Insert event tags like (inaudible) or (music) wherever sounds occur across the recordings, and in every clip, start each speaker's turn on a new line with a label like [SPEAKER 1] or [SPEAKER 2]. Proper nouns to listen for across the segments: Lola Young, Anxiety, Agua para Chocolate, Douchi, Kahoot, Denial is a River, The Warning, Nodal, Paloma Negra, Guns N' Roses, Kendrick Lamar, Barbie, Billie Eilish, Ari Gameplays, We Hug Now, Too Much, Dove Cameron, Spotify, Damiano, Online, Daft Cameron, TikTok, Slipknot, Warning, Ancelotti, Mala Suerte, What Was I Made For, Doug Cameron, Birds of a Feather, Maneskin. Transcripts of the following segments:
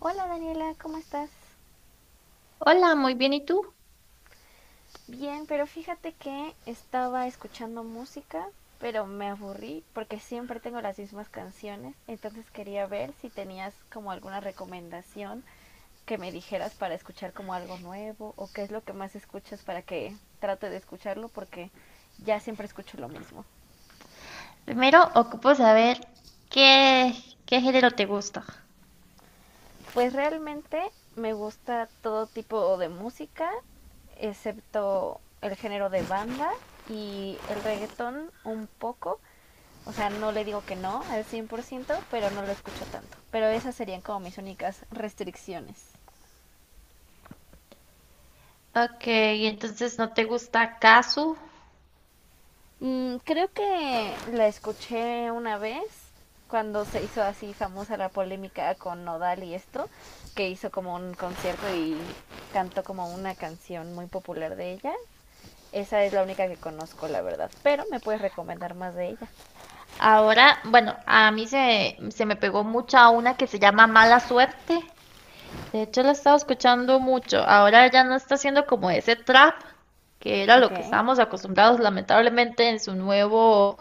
[SPEAKER 1] Hola Daniela, ¿cómo estás?
[SPEAKER 2] Hola, muy bien, ¿y tú?
[SPEAKER 1] Bien, pero fíjate que estaba escuchando música, pero me aburrí porque siempre tengo las mismas canciones, entonces quería ver si tenías como alguna recomendación que me dijeras para escuchar como algo nuevo o qué es lo que más escuchas para que trate de escucharlo porque ya siempre escucho lo mismo.
[SPEAKER 2] Primero ocupo saber qué, qué género te gusta.
[SPEAKER 1] Pues realmente me gusta todo tipo de música, excepto el género de banda y el reggaetón un poco. O sea, no le digo que no al 100%, pero no lo escucho tanto. Pero esas serían como mis únicas restricciones.
[SPEAKER 2] Ok, entonces no te gusta Kazu.
[SPEAKER 1] Mm, creo que la escuché una vez cuando se hizo así famosa la polémica con Nodal y esto, que hizo como un concierto y cantó como una canción muy popular de ella. Esa es la única que conozco, la verdad. Pero me puedes recomendar más de ella.
[SPEAKER 2] Ahora, bueno, a mí se me pegó mucha una que se llama Mala Suerte. De hecho, la he estado escuchando mucho. Ahora ya no está haciendo como ese trap, que era lo que
[SPEAKER 1] Ok,
[SPEAKER 2] estábamos acostumbrados, lamentablemente, en su nuevo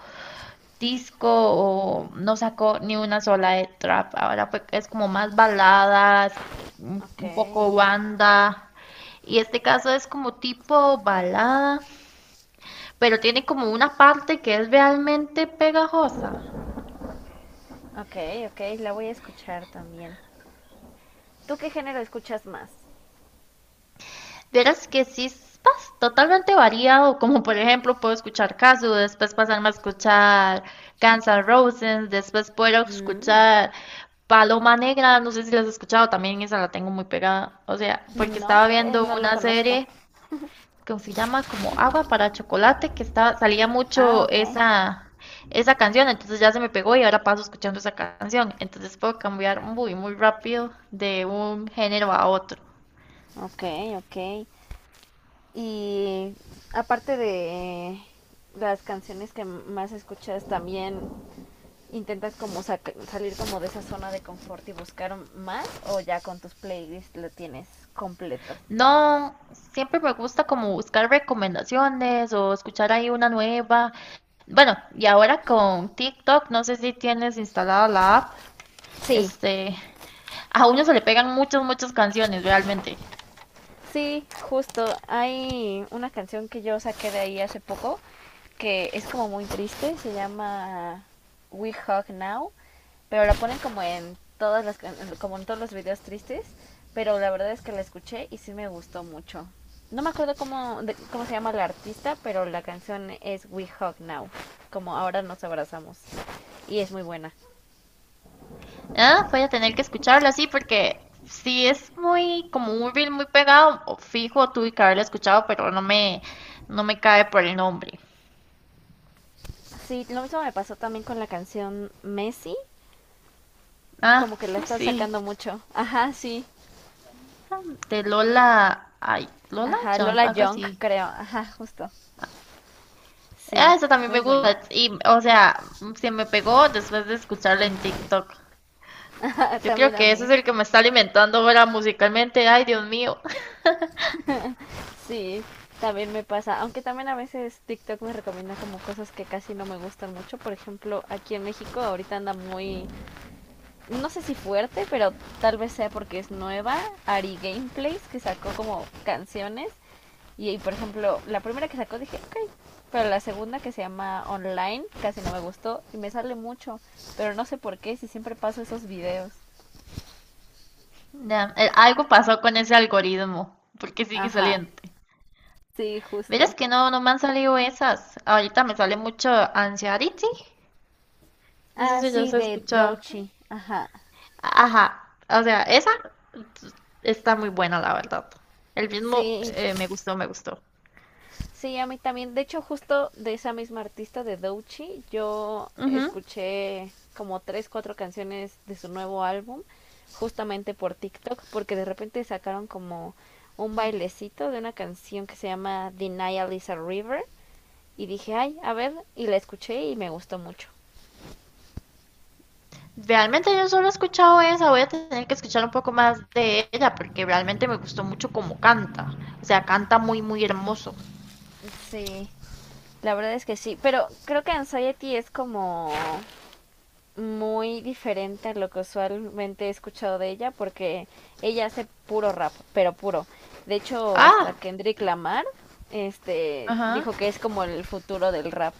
[SPEAKER 2] disco o no sacó ni una sola de trap. Ahora es como más baladas,
[SPEAKER 1] ok,
[SPEAKER 2] un poco banda. Y este caso es como tipo balada, pero tiene como una parte que es realmente pegajosa.
[SPEAKER 1] ok, ok. La voy a escuchar también. ¿Tú qué género escuchas más?
[SPEAKER 2] Verás que sí es totalmente variado, como por ejemplo puedo escuchar Casu, después pasarme a escuchar Guns N' Roses, después puedo
[SPEAKER 1] Mm.
[SPEAKER 2] escuchar Paloma Negra, no sé si las has escuchado, también esa la tengo muy pegada. O sea, porque
[SPEAKER 1] No.
[SPEAKER 2] estaba viendo
[SPEAKER 1] No lo
[SPEAKER 2] una
[SPEAKER 1] conozco.
[SPEAKER 2] serie que se llama como Agua para Chocolate, que estaba, salía
[SPEAKER 1] Ah,
[SPEAKER 2] mucho
[SPEAKER 1] ok.
[SPEAKER 2] esa canción, entonces ya se me pegó y ahora paso escuchando esa canción. Entonces puedo cambiar muy, muy rápido de un género a otro.
[SPEAKER 1] Ok, ok. Y aparte de las canciones que más escuchas, también intentas como salir como de esa zona de confort y buscar más o ya con tus playlists lo tienes completo.
[SPEAKER 2] No, siempre me gusta como buscar recomendaciones o escuchar ahí una nueva. Bueno, y ahora con TikTok, no sé si tienes instalada la app.
[SPEAKER 1] Sí,
[SPEAKER 2] Este, A uno se le pegan muchas, muchas canciones, realmente.
[SPEAKER 1] sí, justo. Hay una canción que yo saqué de ahí hace poco que es como muy triste. Se llama We Hug Now, pero la ponen como en todas las como en todos los videos tristes. Pero la verdad es que la escuché y sí me gustó mucho. No me acuerdo cómo, cómo se llama la artista, pero la canción es We Hug Now, como ahora nos abrazamos. Y es muy buena.
[SPEAKER 2] Ah, voy a tener que escucharla así porque si es muy, como un reel muy pegado, o fijo, tuve que haberla escuchado, pero no me cae por el nombre.
[SPEAKER 1] Sí, lo mismo me pasó también con la canción Messi, como
[SPEAKER 2] Ah,
[SPEAKER 1] que la
[SPEAKER 2] (laughs)
[SPEAKER 1] están
[SPEAKER 2] sí.
[SPEAKER 1] sacando mucho. Ajá, sí.
[SPEAKER 2] De Lola, ay, Lola
[SPEAKER 1] Ajá,
[SPEAKER 2] Young,
[SPEAKER 1] Lola
[SPEAKER 2] algo
[SPEAKER 1] Young,
[SPEAKER 2] así.
[SPEAKER 1] creo. Ajá, justo. Sí.
[SPEAKER 2] Ah, esa
[SPEAKER 1] (laughs)
[SPEAKER 2] también
[SPEAKER 1] Muy
[SPEAKER 2] me
[SPEAKER 1] buena.
[SPEAKER 2] gusta. Y, o sea, se me pegó después de escucharla en TikTok.
[SPEAKER 1] Ajá, (laughs)
[SPEAKER 2] Yo creo
[SPEAKER 1] también a
[SPEAKER 2] que ese es
[SPEAKER 1] mí.
[SPEAKER 2] el que me está alimentando ahora musicalmente. Ay, Dios mío.
[SPEAKER 1] Sí, también me pasa. Aunque también a veces TikTok me recomienda como cosas que casi no me gustan mucho. Por ejemplo, aquí en México ahorita anda muy, no sé si fuerte, pero tal vez sea porque es nueva. Ari Gameplays, que sacó como canciones. Por ejemplo, la primera que sacó dije, ok. Pero la segunda que se llama Online, casi no me gustó y me sale mucho. Pero no sé por qué, si siempre paso esos videos.
[SPEAKER 2] Ya, algo pasó con ese algoritmo, porque sigue
[SPEAKER 1] Ajá,
[SPEAKER 2] saliendo.
[SPEAKER 1] sí, justo.
[SPEAKER 2] Verás que no, no me han salido esas. Ahorita me sale mucho Anxiety. No sé
[SPEAKER 1] Ah,
[SPEAKER 2] si ya
[SPEAKER 1] sí,
[SPEAKER 2] se ha
[SPEAKER 1] de
[SPEAKER 2] escuchado.
[SPEAKER 1] Douchi. Ajá.
[SPEAKER 2] Ajá, o sea, t- está muy buena, la verdad. El ritmo
[SPEAKER 1] Sí,
[SPEAKER 2] me gustó, me gustó.
[SPEAKER 1] sí, a mí también. De hecho, justo de esa misma artista de Douchi, yo
[SPEAKER 2] Ujú.
[SPEAKER 1] escuché como tres, cuatro canciones de su nuevo álbum, justamente por TikTok, porque de repente sacaron como un bailecito de una canción que se llama Denial is a River. Y dije, ay, a ver, y la escuché y me gustó mucho.
[SPEAKER 2] Realmente yo solo he escuchado esa, voy a tener que escuchar un poco más de ella porque realmente me gustó mucho cómo canta. O sea, canta muy, muy hermoso.
[SPEAKER 1] Sí, la verdad es que sí. Pero creo que Anxiety es como muy diferente a lo que usualmente he escuchado de ella, porque ella hace puro rap, pero puro. De hecho, hasta
[SPEAKER 2] Ah,
[SPEAKER 1] Kendrick Lamar, este,
[SPEAKER 2] ajá.
[SPEAKER 1] dijo que es como el futuro del rap,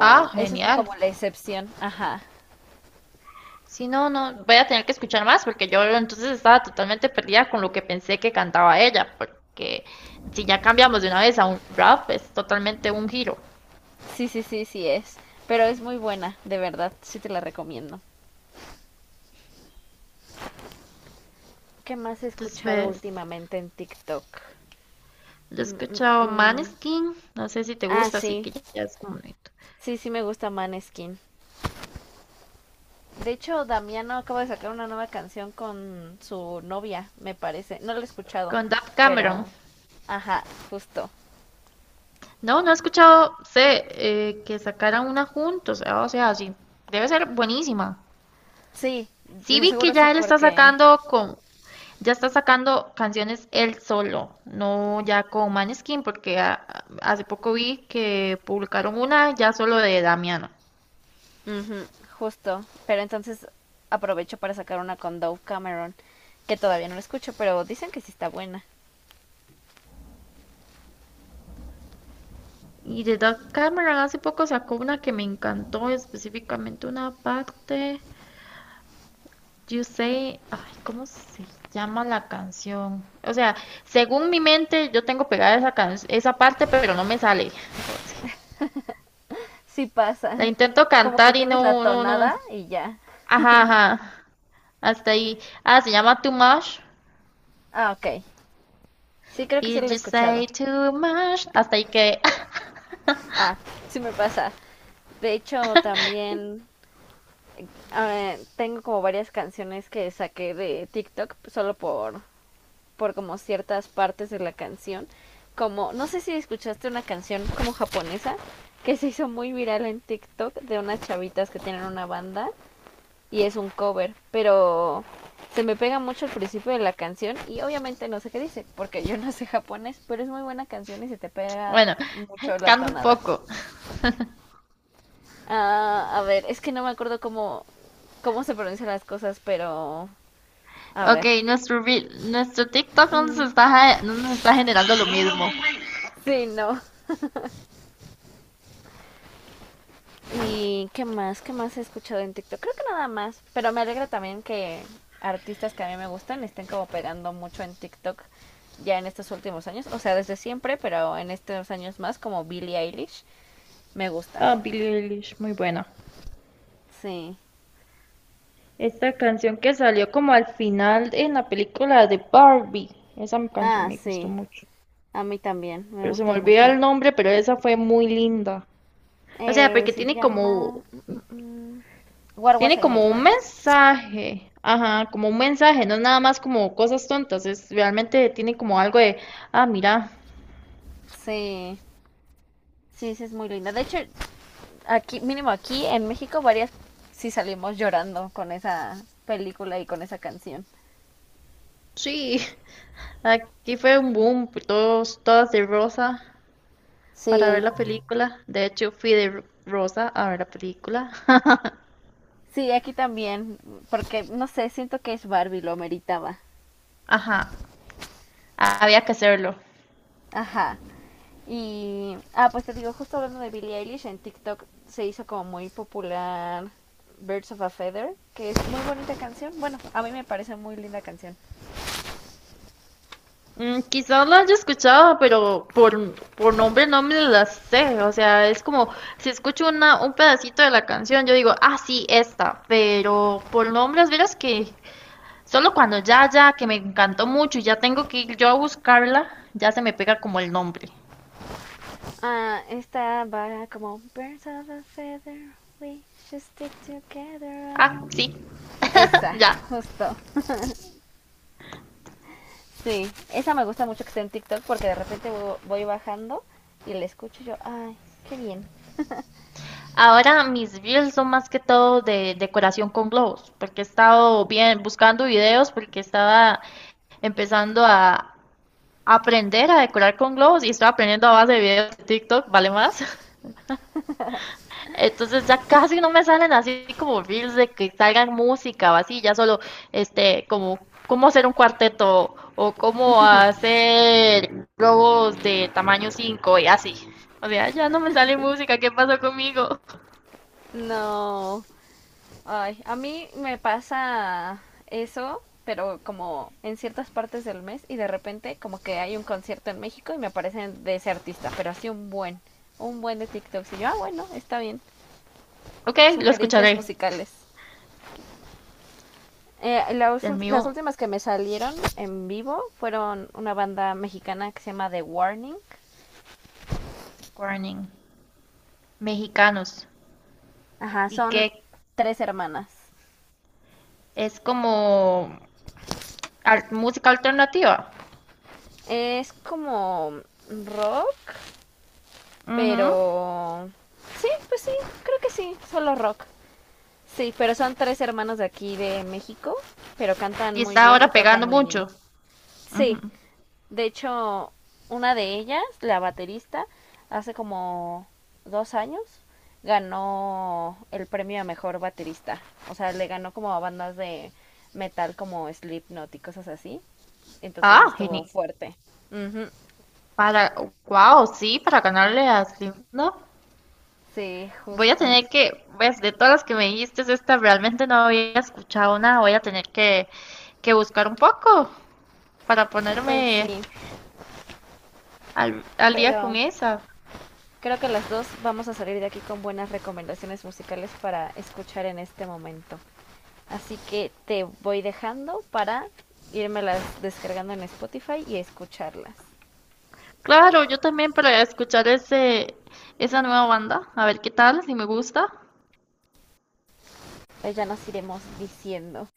[SPEAKER 2] Ah,
[SPEAKER 1] eso es
[SPEAKER 2] genial.
[SPEAKER 1] como la excepción. Ajá.
[SPEAKER 2] Si no, no, voy a tener que escuchar más porque yo entonces estaba totalmente perdida con lo que pensé que cantaba ella, porque si ya cambiamos de una vez a un rap, es totalmente un giro.
[SPEAKER 1] Sí, sí, sí, sí es. Pero es muy buena, de verdad, sí te la recomiendo. ¿Qué más he escuchado
[SPEAKER 2] Después,
[SPEAKER 1] últimamente en TikTok?
[SPEAKER 2] yo he
[SPEAKER 1] Mm, mm,
[SPEAKER 2] escuchado
[SPEAKER 1] mm.
[SPEAKER 2] Maneskin, no sé si te
[SPEAKER 1] Ah,
[SPEAKER 2] gusta, así
[SPEAKER 1] sí.
[SPEAKER 2] que ya es como bonito.
[SPEAKER 1] Sí, sí me gusta Maneskin. De hecho, Damiano acaba de sacar una nueva canción con su novia, me parece. No la he escuchado,
[SPEAKER 2] Con Daft Cameron.
[SPEAKER 1] pero... Ajá, justo.
[SPEAKER 2] No, no he escuchado, sé, que sacaran una juntos, ah, o sea, sí, debe ser buenísima.
[SPEAKER 1] Sí,
[SPEAKER 2] Sí
[SPEAKER 1] de
[SPEAKER 2] vi que
[SPEAKER 1] seguro sí
[SPEAKER 2] ya él está
[SPEAKER 1] porque...
[SPEAKER 2] sacando con, ya está sacando canciones él solo, no ya con Maneskin, porque hace poco vi que publicaron una ya solo de Damiano.
[SPEAKER 1] ujú, justo. Pero entonces aprovecho para sacar una con Dove Cameron, que todavía no la escucho, pero dicen que sí está buena.
[SPEAKER 2] Y de Doug Cameron hace poco sacó una que me encantó, específicamente una parte, You Say, ay, ¿cómo se llama la canción? O sea, según mi mente yo tengo pegada esa parte, pero no me sale. (laughs) O sea,
[SPEAKER 1] Sí
[SPEAKER 2] la
[SPEAKER 1] pasa. (laughs)
[SPEAKER 2] intento
[SPEAKER 1] Como que
[SPEAKER 2] cantar y
[SPEAKER 1] tienes la
[SPEAKER 2] no, no, no.
[SPEAKER 1] tonada y ya.
[SPEAKER 2] Ajá, ajá. Hasta ahí. Ah, se llama Too Much.
[SPEAKER 1] Ah, ok. Sí, creo que sí lo
[SPEAKER 2] If
[SPEAKER 1] he
[SPEAKER 2] you
[SPEAKER 1] escuchado.
[SPEAKER 2] say too much. Hasta ahí que. (laughs)
[SPEAKER 1] Ah, sí me pasa. De hecho, también tengo como varias canciones que saqué de TikTok solo por como ciertas partes de la canción. Como, no sé si escuchaste una canción como japonesa que se hizo muy viral en TikTok de unas chavitas que tienen una banda y es un cover, pero se me pega mucho el principio de la canción y obviamente no sé qué dice, porque yo no sé japonés, pero es muy buena canción y se te pega
[SPEAKER 2] Bueno,
[SPEAKER 1] mucho la
[SPEAKER 2] canto un
[SPEAKER 1] tonada.
[SPEAKER 2] poco.
[SPEAKER 1] Ah, a ver, es que no me acuerdo cómo, cómo se pronuncian las cosas, pero a
[SPEAKER 2] Ok,
[SPEAKER 1] ver.
[SPEAKER 2] nuestro TikTok no nos
[SPEAKER 1] Mm,
[SPEAKER 2] está, no nos está generando lo mismo.
[SPEAKER 1] sí, no. ¿Y qué más? ¿Qué más he escuchado en TikTok? Creo que nada más. Pero me alegra también que artistas que a mí me gustan estén como pegando mucho en TikTok ya en estos últimos años. O sea, desde siempre, pero en estos años más, como Billie Eilish, me gusta.
[SPEAKER 2] Ah, Billie Eilish, muy buena.
[SPEAKER 1] Sí.
[SPEAKER 2] Esta canción que salió como al final en la película de Barbie. Esa canción
[SPEAKER 1] Ah,
[SPEAKER 2] me gustó
[SPEAKER 1] sí.
[SPEAKER 2] mucho.
[SPEAKER 1] A mí también. Me
[SPEAKER 2] Pero se me
[SPEAKER 1] gusta
[SPEAKER 2] olvida
[SPEAKER 1] mucho.
[SPEAKER 2] el nombre, pero esa fue muy linda. O sea, porque
[SPEAKER 1] Se
[SPEAKER 2] tiene como
[SPEAKER 1] llama... mm, mm, mm, What Was
[SPEAKER 2] Tiene
[SPEAKER 1] I Made
[SPEAKER 2] como
[SPEAKER 1] For.
[SPEAKER 2] un mensaje, ajá, como un mensaje, no es nada más como cosas tontas, es realmente tiene como algo de, ah, mira,
[SPEAKER 1] Sí. Sí, sí, es muy linda. De hecho, aquí, mínimo aquí en México, varias sí salimos llorando con esa película y con esa canción.
[SPEAKER 2] sí, (laughs) aquí fue un boom, todos, todas de rosa para ver
[SPEAKER 1] Sí,
[SPEAKER 2] la película. De hecho, fui de rosa a ver la película. (laughs)
[SPEAKER 1] sí, aquí también, porque no sé, siento que es Barbie, lo meritaba.
[SPEAKER 2] Ajá, había que hacerlo.
[SPEAKER 1] Ajá. Y, ah, pues te digo, justo hablando de Billie Eilish, en TikTok se hizo como muy popular Birds of a Feather, que es muy bonita canción. Bueno, a mí me parece muy linda canción.
[SPEAKER 2] Mm, quizás la haya escuchado, pero por nombre no me la sé. O sea, es como si escucho una, un pedacito de la canción, yo digo, ah, sí, esta. Pero por nombres, verás que solo cuando ya, que me encantó mucho y ya tengo que ir yo a buscarla, ya se me pega como el nombre.
[SPEAKER 1] Ah, esta va como Birds of a Feather, we should stick together, I
[SPEAKER 2] Ah,
[SPEAKER 1] know.
[SPEAKER 2] sí, (laughs)
[SPEAKER 1] Esa,
[SPEAKER 2] ya.
[SPEAKER 1] justo. Sí, esa me gusta mucho que esté en TikTok porque de repente voy bajando y la escucho y yo, ay, qué bien.
[SPEAKER 2] Ahora mis reels son más que todo de decoración con globos, porque he estado bien buscando videos, porque estaba empezando a, aprender a decorar con globos y estoy aprendiendo a base de videos de TikTok, ¿vale más? (laughs) Entonces ya casi no me salen así como reels de que salgan música o así, ya solo este como cómo hacer un cuarteto o cómo hacer globos de tamaño 5 y así. O sea, ya no me sale música, ¿qué pasó conmigo? (laughs)
[SPEAKER 1] No, ay, a mí me pasa eso, pero como en ciertas partes del mes y de repente como que hay un concierto en México y me aparecen de ese artista, pero así un buen de TikTok. Y yo, ah, bueno, está bien.
[SPEAKER 2] Ok, lo
[SPEAKER 1] Sugerencias
[SPEAKER 2] escucharé.
[SPEAKER 1] musicales.
[SPEAKER 2] Del mío,
[SPEAKER 1] Las últimas que me salieron en vivo fueron una banda mexicana que se llama The Warning.
[SPEAKER 2] Warning, mexicanos.
[SPEAKER 1] Ajá,
[SPEAKER 2] ¿Y
[SPEAKER 1] son
[SPEAKER 2] qué?
[SPEAKER 1] tres hermanas.
[SPEAKER 2] Es como música alternativa.
[SPEAKER 1] Es como rock,
[SPEAKER 2] Ujú.
[SPEAKER 1] pero... Sí, pues sí, creo que sí, solo rock. Sí, pero son tres hermanos de aquí de México, pero cantan
[SPEAKER 2] Y
[SPEAKER 1] muy
[SPEAKER 2] está
[SPEAKER 1] bien y
[SPEAKER 2] ahora
[SPEAKER 1] tocan
[SPEAKER 2] pegando
[SPEAKER 1] muy bien.
[SPEAKER 2] mucho.
[SPEAKER 1] Sí,
[SPEAKER 2] Ujú.
[SPEAKER 1] de hecho, una de ellas, la baterista, hace como 2 años ganó el premio a mejor baterista. O sea, le ganó como a bandas de metal como Slipknot y cosas así. Entonces
[SPEAKER 2] Ah,
[SPEAKER 1] estuvo
[SPEAKER 2] genial.
[SPEAKER 1] fuerte. Ujú.
[SPEAKER 2] Para, wow, sí, para ganarle a Slim, no.
[SPEAKER 1] Sí,
[SPEAKER 2] Voy a
[SPEAKER 1] justo.
[SPEAKER 2] tener que, pues, de todas las que me dijiste, esta realmente no había escuchado nada. Voy a tener que buscar un poco para
[SPEAKER 1] Pues
[SPEAKER 2] ponerme
[SPEAKER 1] sí,
[SPEAKER 2] al día
[SPEAKER 1] pero
[SPEAKER 2] con esa.
[SPEAKER 1] creo que las dos vamos a salir de aquí con buenas recomendaciones musicales para escuchar en este momento. Así que te voy dejando para irmelas descargando en Spotify y escucharlas.
[SPEAKER 2] Claro, yo también para escuchar esa nueva banda. A ver qué tal, si me gusta.
[SPEAKER 1] Pues ya nos iremos diciendo.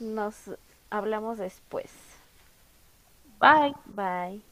[SPEAKER 1] Nos hablamos después.
[SPEAKER 2] Bye.
[SPEAKER 1] Bye.